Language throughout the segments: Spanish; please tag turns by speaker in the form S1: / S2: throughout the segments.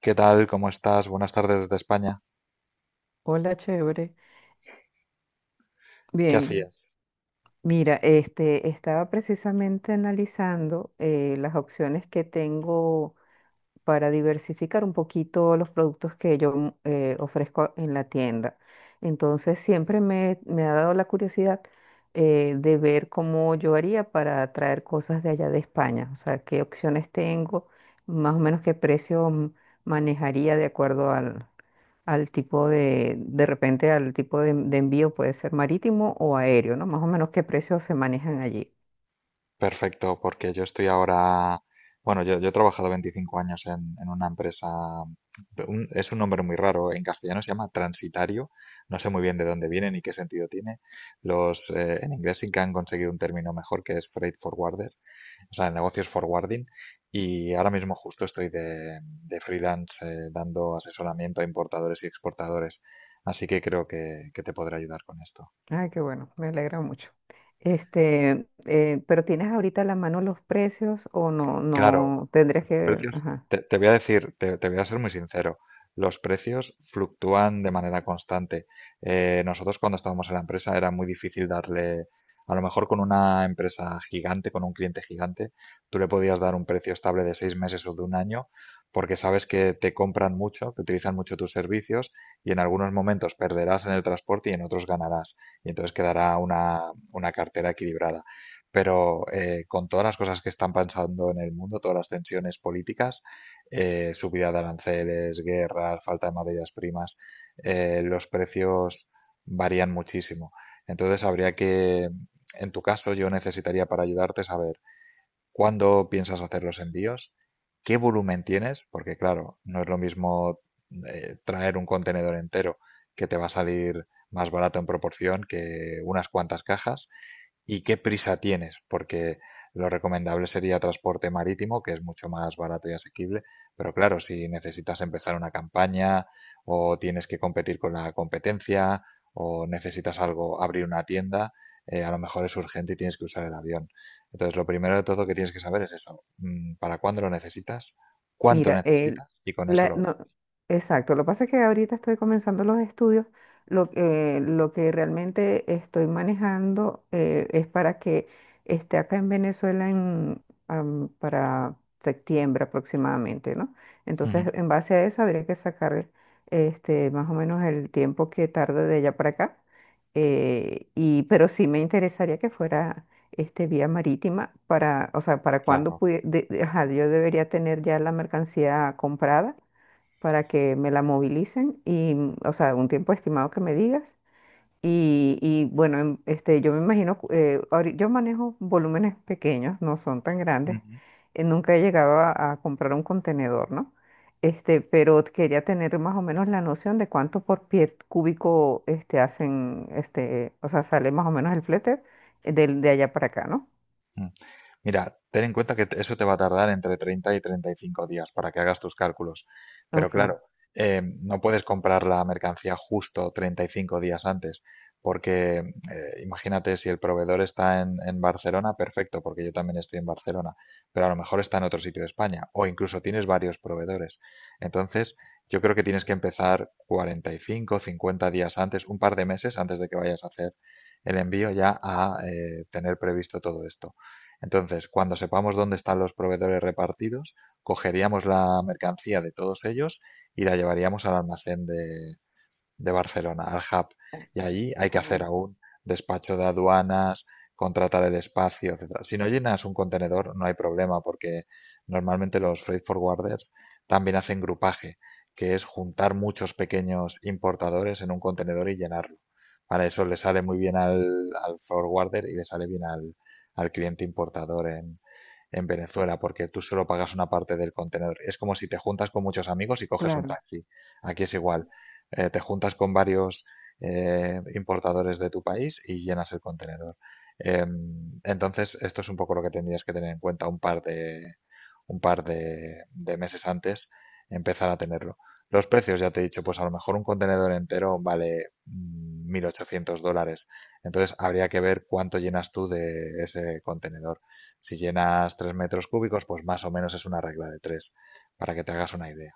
S1: ¿Qué tal? ¿Cómo estás? Buenas tardes desde España.
S2: Hola, chévere.
S1: ¿Qué
S2: Bien,
S1: hacías?
S2: mira, estaba precisamente analizando las opciones que tengo para diversificar un poquito los productos que yo ofrezco en la tienda. Entonces, siempre me ha dado la curiosidad de ver cómo yo haría para traer cosas de allá de España, o sea, qué opciones tengo, más o menos qué precio manejaría de acuerdo al tipo de repente al tipo de envío, puede ser marítimo o aéreo, ¿no? Más o menos qué precios se manejan allí.
S1: Perfecto, porque yo estoy ahora, bueno, yo he trabajado 25 años en una empresa, es un nombre muy raro, en castellano se llama transitario, no sé muy bien de dónde viene ni qué sentido tiene. En inglés sí que han conseguido un término mejor que es freight forwarder, o sea, el negocio es forwarding, y ahora mismo justo estoy de, freelance dando asesoramiento a importadores y exportadores, así que creo que te podré ayudar con esto.
S2: Ay, qué bueno, me alegra mucho. Pero ¿tienes ahorita a la mano los precios o no,
S1: Claro,
S2: no tendrías
S1: los
S2: que,
S1: precios,
S2: ajá?
S1: te voy a decir, te voy a ser muy sincero, los precios fluctúan de manera constante. Nosotros cuando estábamos en la empresa era muy difícil darle, a lo mejor con una empresa gigante, con un cliente gigante, tú le podías dar un precio estable de 6 meses o de un año, porque sabes que te compran mucho, que utilizan mucho tus servicios y en algunos momentos perderás en el transporte y en otros ganarás. Y entonces quedará una cartera equilibrada pero con todas las cosas que están pasando en el mundo, todas las tensiones políticas, subida de aranceles, guerras, falta de materias primas, los precios varían muchísimo. Entonces habría que, en tu caso, yo necesitaría para ayudarte saber cuándo piensas hacer los envíos, qué volumen tienes, porque claro, no es lo mismo traer un contenedor entero que te va a salir más barato en proporción que unas cuantas cajas, y qué prisa tienes, porque lo recomendable sería transporte marítimo, que es mucho más barato y asequible, pero claro, si necesitas empezar una campaña o tienes que competir con la competencia o necesitas algo, abrir una tienda, a lo mejor es urgente y tienes que usar el avión. Entonces, lo primero de todo que tienes que saber es eso, para cuándo lo necesitas, cuánto
S2: Mira,
S1: necesitas y con eso lo...
S2: no, exacto. Lo que pasa es que ahorita estoy comenzando los estudios. Lo que realmente estoy manejando es para que esté acá en Venezuela para septiembre aproximadamente, ¿no? Entonces,
S1: Ujú.
S2: en base a eso, habría que sacar este, más o menos el tiempo que tarda de allá para acá. Pero sí me interesaría que fuera este, vía marítima para, o sea, para cuándo
S1: Claro.
S2: pudi- de- ajá, yo debería tener ya la mercancía comprada para que me la movilicen y, mm, o sea, un tiempo estimado que me digas. Bueno, este, yo me imagino, yo manejo volúmenes pequeños, no son tan grandes. Nunca he llegado a comprar un contenedor, ¿no? Este, pero quería tener más o menos la noción de cuánto por pie cúbico este, hacen, este, o sea, sale más o menos el flete de allá para acá, ¿no?
S1: Mm. Mira, ten en cuenta que eso te va a tardar entre 30 y 35 días para que hagas tus cálculos. Pero
S2: Ok,
S1: claro, no puedes comprar la mercancía justo 35 días antes, porque imagínate, si el proveedor está en Barcelona, perfecto, porque yo también estoy en Barcelona, pero a lo mejor está en otro sitio de España o incluso tienes varios proveedores. Entonces, yo creo que tienes que empezar 45, 50 días antes, un par de meses antes de que vayas a hacer el envío, ya a tener previsto todo esto. Entonces, cuando sepamos dónde están los proveedores repartidos, cogeríamos la mercancía de todos ellos y la llevaríamos al almacén de Barcelona, al hub. Y allí hay que hacer
S2: ajá,
S1: aún despacho de aduanas, contratar el espacio, etcétera. Si no llenas un contenedor, no hay problema, porque normalmente los freight forwarders también hacen grupaje, que es juntar muchos pequeños importadores en un contenedor y llenarlo. Para eso le sale muy bien al forwarder y le sale bien al cliente importador en Venezuela, porque tú solo pagas una parte del contenedor. Es como si te juntas con muchos amigos y coges un
S2: claro.
S1: taxi. Aquí es igual, te juntas con varios importadores de tu país y llenas el contenedor. Eh, entonces, esto es un poco lo que tendrías que tener en cuenta un par de meses antes, empezar a tenerlo. Los precios, ya te he dicho, pues a lo mejor un contenedor entero vale $1.800. Entonces habría que ver cuánto llenas tú de ese contenedor. Si llenas 3 metros cúbicos, pues más o menos es una regla de 3 para que te hagas una idea.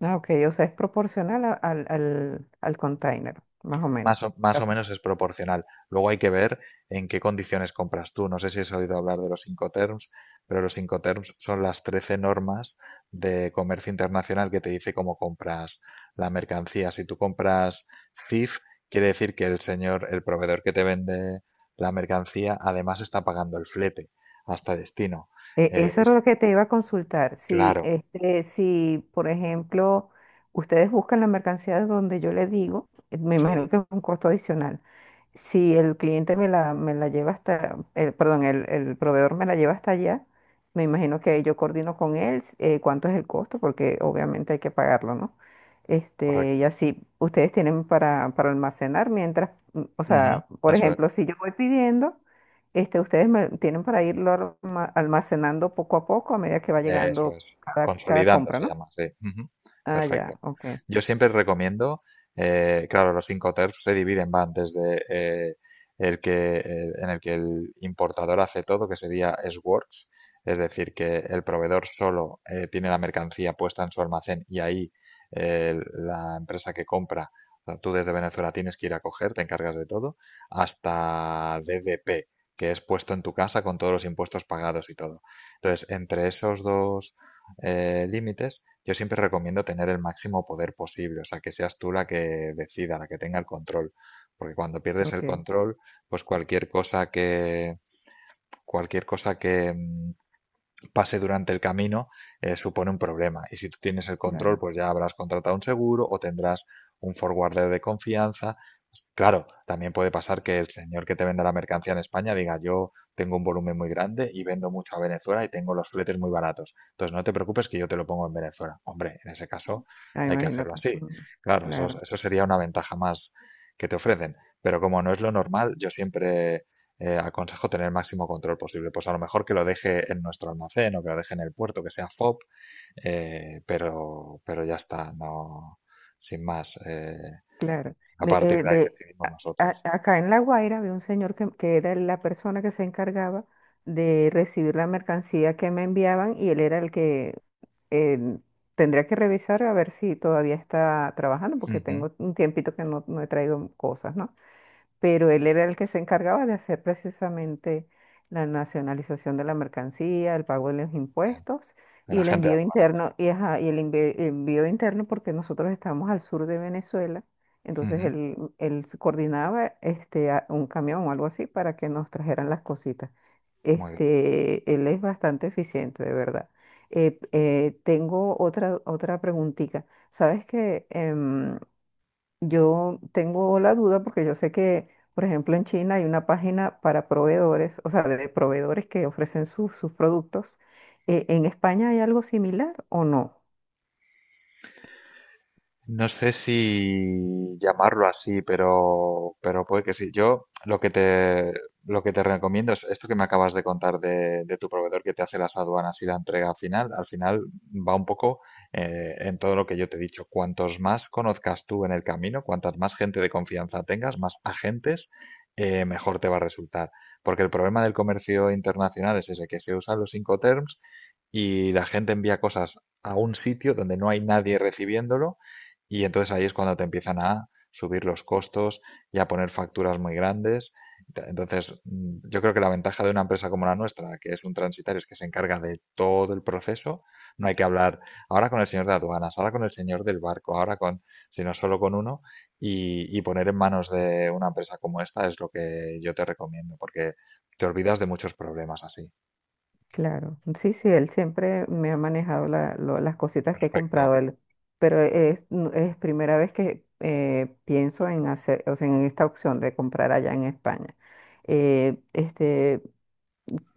S2: Ah, ok, o sea, es proporcional al container, más o menos.
S1: Más o menos es proporcional. Luego hay que ver en qué condiciones compras tú. No sé si has oído hablar de los Incoterms, pero los Incoterms son las 13 normas de comercio internacional que te dice cómo compras la mercancía. Si tú compras CIF, quiere decir que el señor, el proveedor que te vende la mercancía, además está pagando el flete hasta destino. Eh,
S2: Eso
S1: y
S2: era
S1: si-
S2: lo que te iba a consultar. Si,
S1: claro,
S2: este, si, por ejemplo, ustedes buscan la mercancía de donde yo le digo, me
S1: sí,
S2: imagino que es un costo adicional. Si el cliente me la lleva hasta, el proveedor me la lleva hasta allá, me imagino que yo coordino con él cuánto es el costo, porque obviamente hay que pagarlo, ¿no? Este, y
S1: correcto.
S2: así ustedes tienen para almacenar mientras, mm, o
S1: Ujú.
S2: sea, por
S1: Eso
S2: ejemplo, si yo voy pidiendo. Este, tienen para irlo almacenando poco a poco a medida que va
S1: Eso
S2: llegando
S1: es.
S2: cada, cada
S1: Consolidando
S2: compra,
S1: se
S2: ¿no?
S1: llama, sí. Ujú.
S2: Ah, ya,
S1: Perfecto.
S2: ok,
S1: Yo siempre recomiendo, claro, los cinco TERFs se dividen, van desde en el que el importador hace todo, que sería SWORX, es decir, que el proveedor solo tiene la mercancía puesta en su almacén y ahí la empresa que compra, o sea, tú desde Venezuela tienes que ir a coger, te encargas de todo, hasta DDP, que es puesto en tu casa con todos los impuestos pagados y todo. Entonces, entre esos dos límites, yo siempre recomiendo tener el máximo poder posible, o sea, que seas tú la que decida, la que tenga el control, porque cuando pierdes
S2: ok,
S1: el control, pues cualquier cosa que pase durante el camino supone un problema. Y si tú tienes el control,
S2: claro.
S1: pues ya habrás contratado un seguro o tendrás un forwarder de confianza. Pues, claro, también puede pasar que el señor que te venda la mercancía en España diga: yo tengo un volumen muy grande y vendo mucho a Venezuela y tengo los fletes muy baratos. Entonces no te preocupes, que yo te lo pongo en Venezuela. Hombre, en ese caso
S2: Ah,
S1: hay que hacerlo
S2: imagínate.
S1: así.
S2: Ujú.
S1: Claro, eso,
S2: Claro,
S1: eso sería una ventaja más que te ofrecen. Pero como no es lo normal, yo siempre aconsejo tener el máximo control posible. Pues a lo mejor que lo deje en nuestro almacén o que lo deje en el puerto, que sea FOB, pero ya está, no, sin más.
S2: claro.
S1: A partir de ahí decidimos
S2: A-
S1: nosotros.
S2: acá en La Guaira había un señor que era la persona que se encargaba de recibir la mercancía que me enviaban y él era el que eh, tendría que revisar a ver si todavía está trabajando porque
S1: Ujú.
S2: tengo un tiempito que no, no he traído cosas, ¿no? Pero él era el que se encargaba de hacer precisamente la nacionalización de la mercancía, el pago de los
S1: Bien.
S2: impuestos y
S1: La
S2: el
S1: gente de
S2: envío
S1: aduana.
S2: interno, y, ajá, y envío interno porque nosotros estábamos al sur de Venezuela, entonces
S1: Ujú.
S2: él se coordinaba este, un camión o algo así para que nos trajeran las cositas.
S1: Muy bien.
S2: Este, él es bastante eficiente, de verdad. Tengo otra, otra preguntita. ¿Sabes que yo tengo la duda porque yo sé que, por ejemplo, en China hay una página para proveedores, o sea, de proveedores que ofrecen sus productos? ¿En España hay algo similar o no?
S1: No sé si llamarlo así, pero puede que sí. Yo lo que te recomiendo es esto que me acabas de contar de tu proveedor que te hace las aduanas y la entrega final. Al final va un poco, en todo lo que yo te he dicho. Cuantos más conozcas tú en el camino, cuantas más gente de confianza tengas, más agentes, mejor te va a resultar. Porque el problema del comercio internacional es ese, que se usan los Incoterms y la gente envía cosas a un sitio donde no hay nadie recibiéndolo, y entonces ahí es cuando te empiezan a subir los costos y a poner facturas muy grandes. Entonces, yo creo que la ventaja de una empresa como la nuestra, que es un transitario, es que se encarga de todo el proceso. No hay que hablar ahora con el señor de aduanas, ahora con el señor del barco, ahora con, sino solo con uno. Y poner en manos de una empresa como esta es lo que yo te recomiendo, porque te olvidas de muchos problemas así.
S2: Claro, sí, sí, él siempre me ha manejado las cositas que he
S1: Perfecto.
S2: comprado él, pero es, es primera vez que pienso en hacer, o sea, en esta opción de comprar allá en España. Eh, este,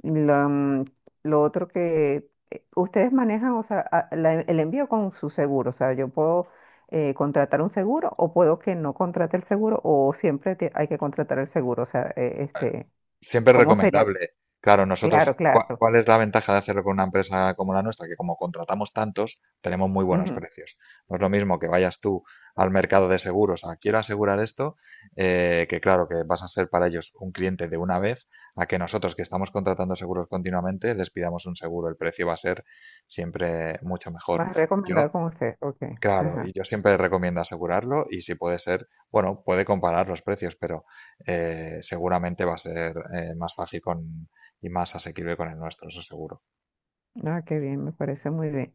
S2: La, mm, lo otro que ustedes manejan, o sea, el envío con su seguro, o sea, yo puedo contratar un seguro o puedo que no contrate el seguro o siempre hay que contratar el seguro, o sea,
S1: Siempre es
S2: ¿cómo sería?
S1: recomendable. Claro,
S2: Claro,
S1: nosotros,
S2: claro.
S1: ¿cuál es la ventaja de hacerlo con una empresa como la nuestra? Que como contratamos tantos, tenemos muy buenos
S2: Ujú.
S1: precios. No es lo mismo que vayas tú al mercado de seguros a quiero asegurar esto, que claro, que vas a ser para ellos un cliente de una vez, a que nosotros, que estamos contratando seguros continuamente, les pidamos un seguro. El precio va a ser siempre mucho mejor.
S2: Más
S1: Yo
S2: recomendado con usted, ok.
S1: Claro, y
S2: Ajá.
S1: yo siempre recomiendo asegurarlo, y si puede ser, bueno, puede comparar los precios, pero seguramente va a ser más fácil con, y más asequible con el nuestro, eso seguro.
S2: Ah, qué bien, me parece muy bien.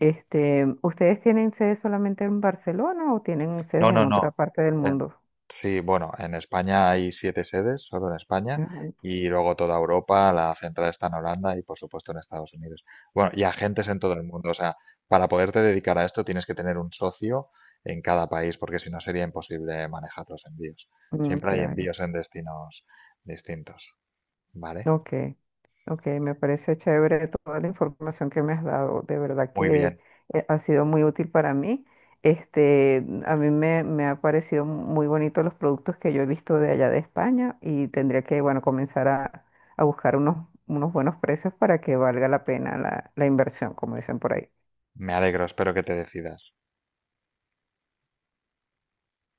S2: Este, ¿ustedes tienen sede solamente en Barcelona o tienen sedes
S1: No,
S2: en
S1: no,
S2: otra
S1: no.
S2: parte del
S1: Eh,
S2: mundo?
S1: Sí, bueno, en España hay siete sedes, solo en España,
S2: Ajá,
S1: y luego toda Europa, la central está en Holanda y por supuesto en Estados Unidos. Bueno, y agentes en todo el mundo, o sea, para poderte dedicar a esto tienes que tener un socio en cada país, porque si no sería imposible manejar los envíos.
S2: mm,
S1: Siempre hay
S2: claro.
S1: envíos en destinos distintos, ¿vale?
S2: Ok, ok, me parece chévere toda la información que me has dado. De verdad
S1: Muy
S2: que
S1: bien,
S2: ha sido muy útil para mí. Este, a mí me ha parecido muy bonito los productos que yo he visto de allá de España y tendría que, bueno, comenzar a buscar unos, unos buenos precios para que valga la pena la, la inversión, como dicen por ahí.
S1: me alegro, espero que te decidas.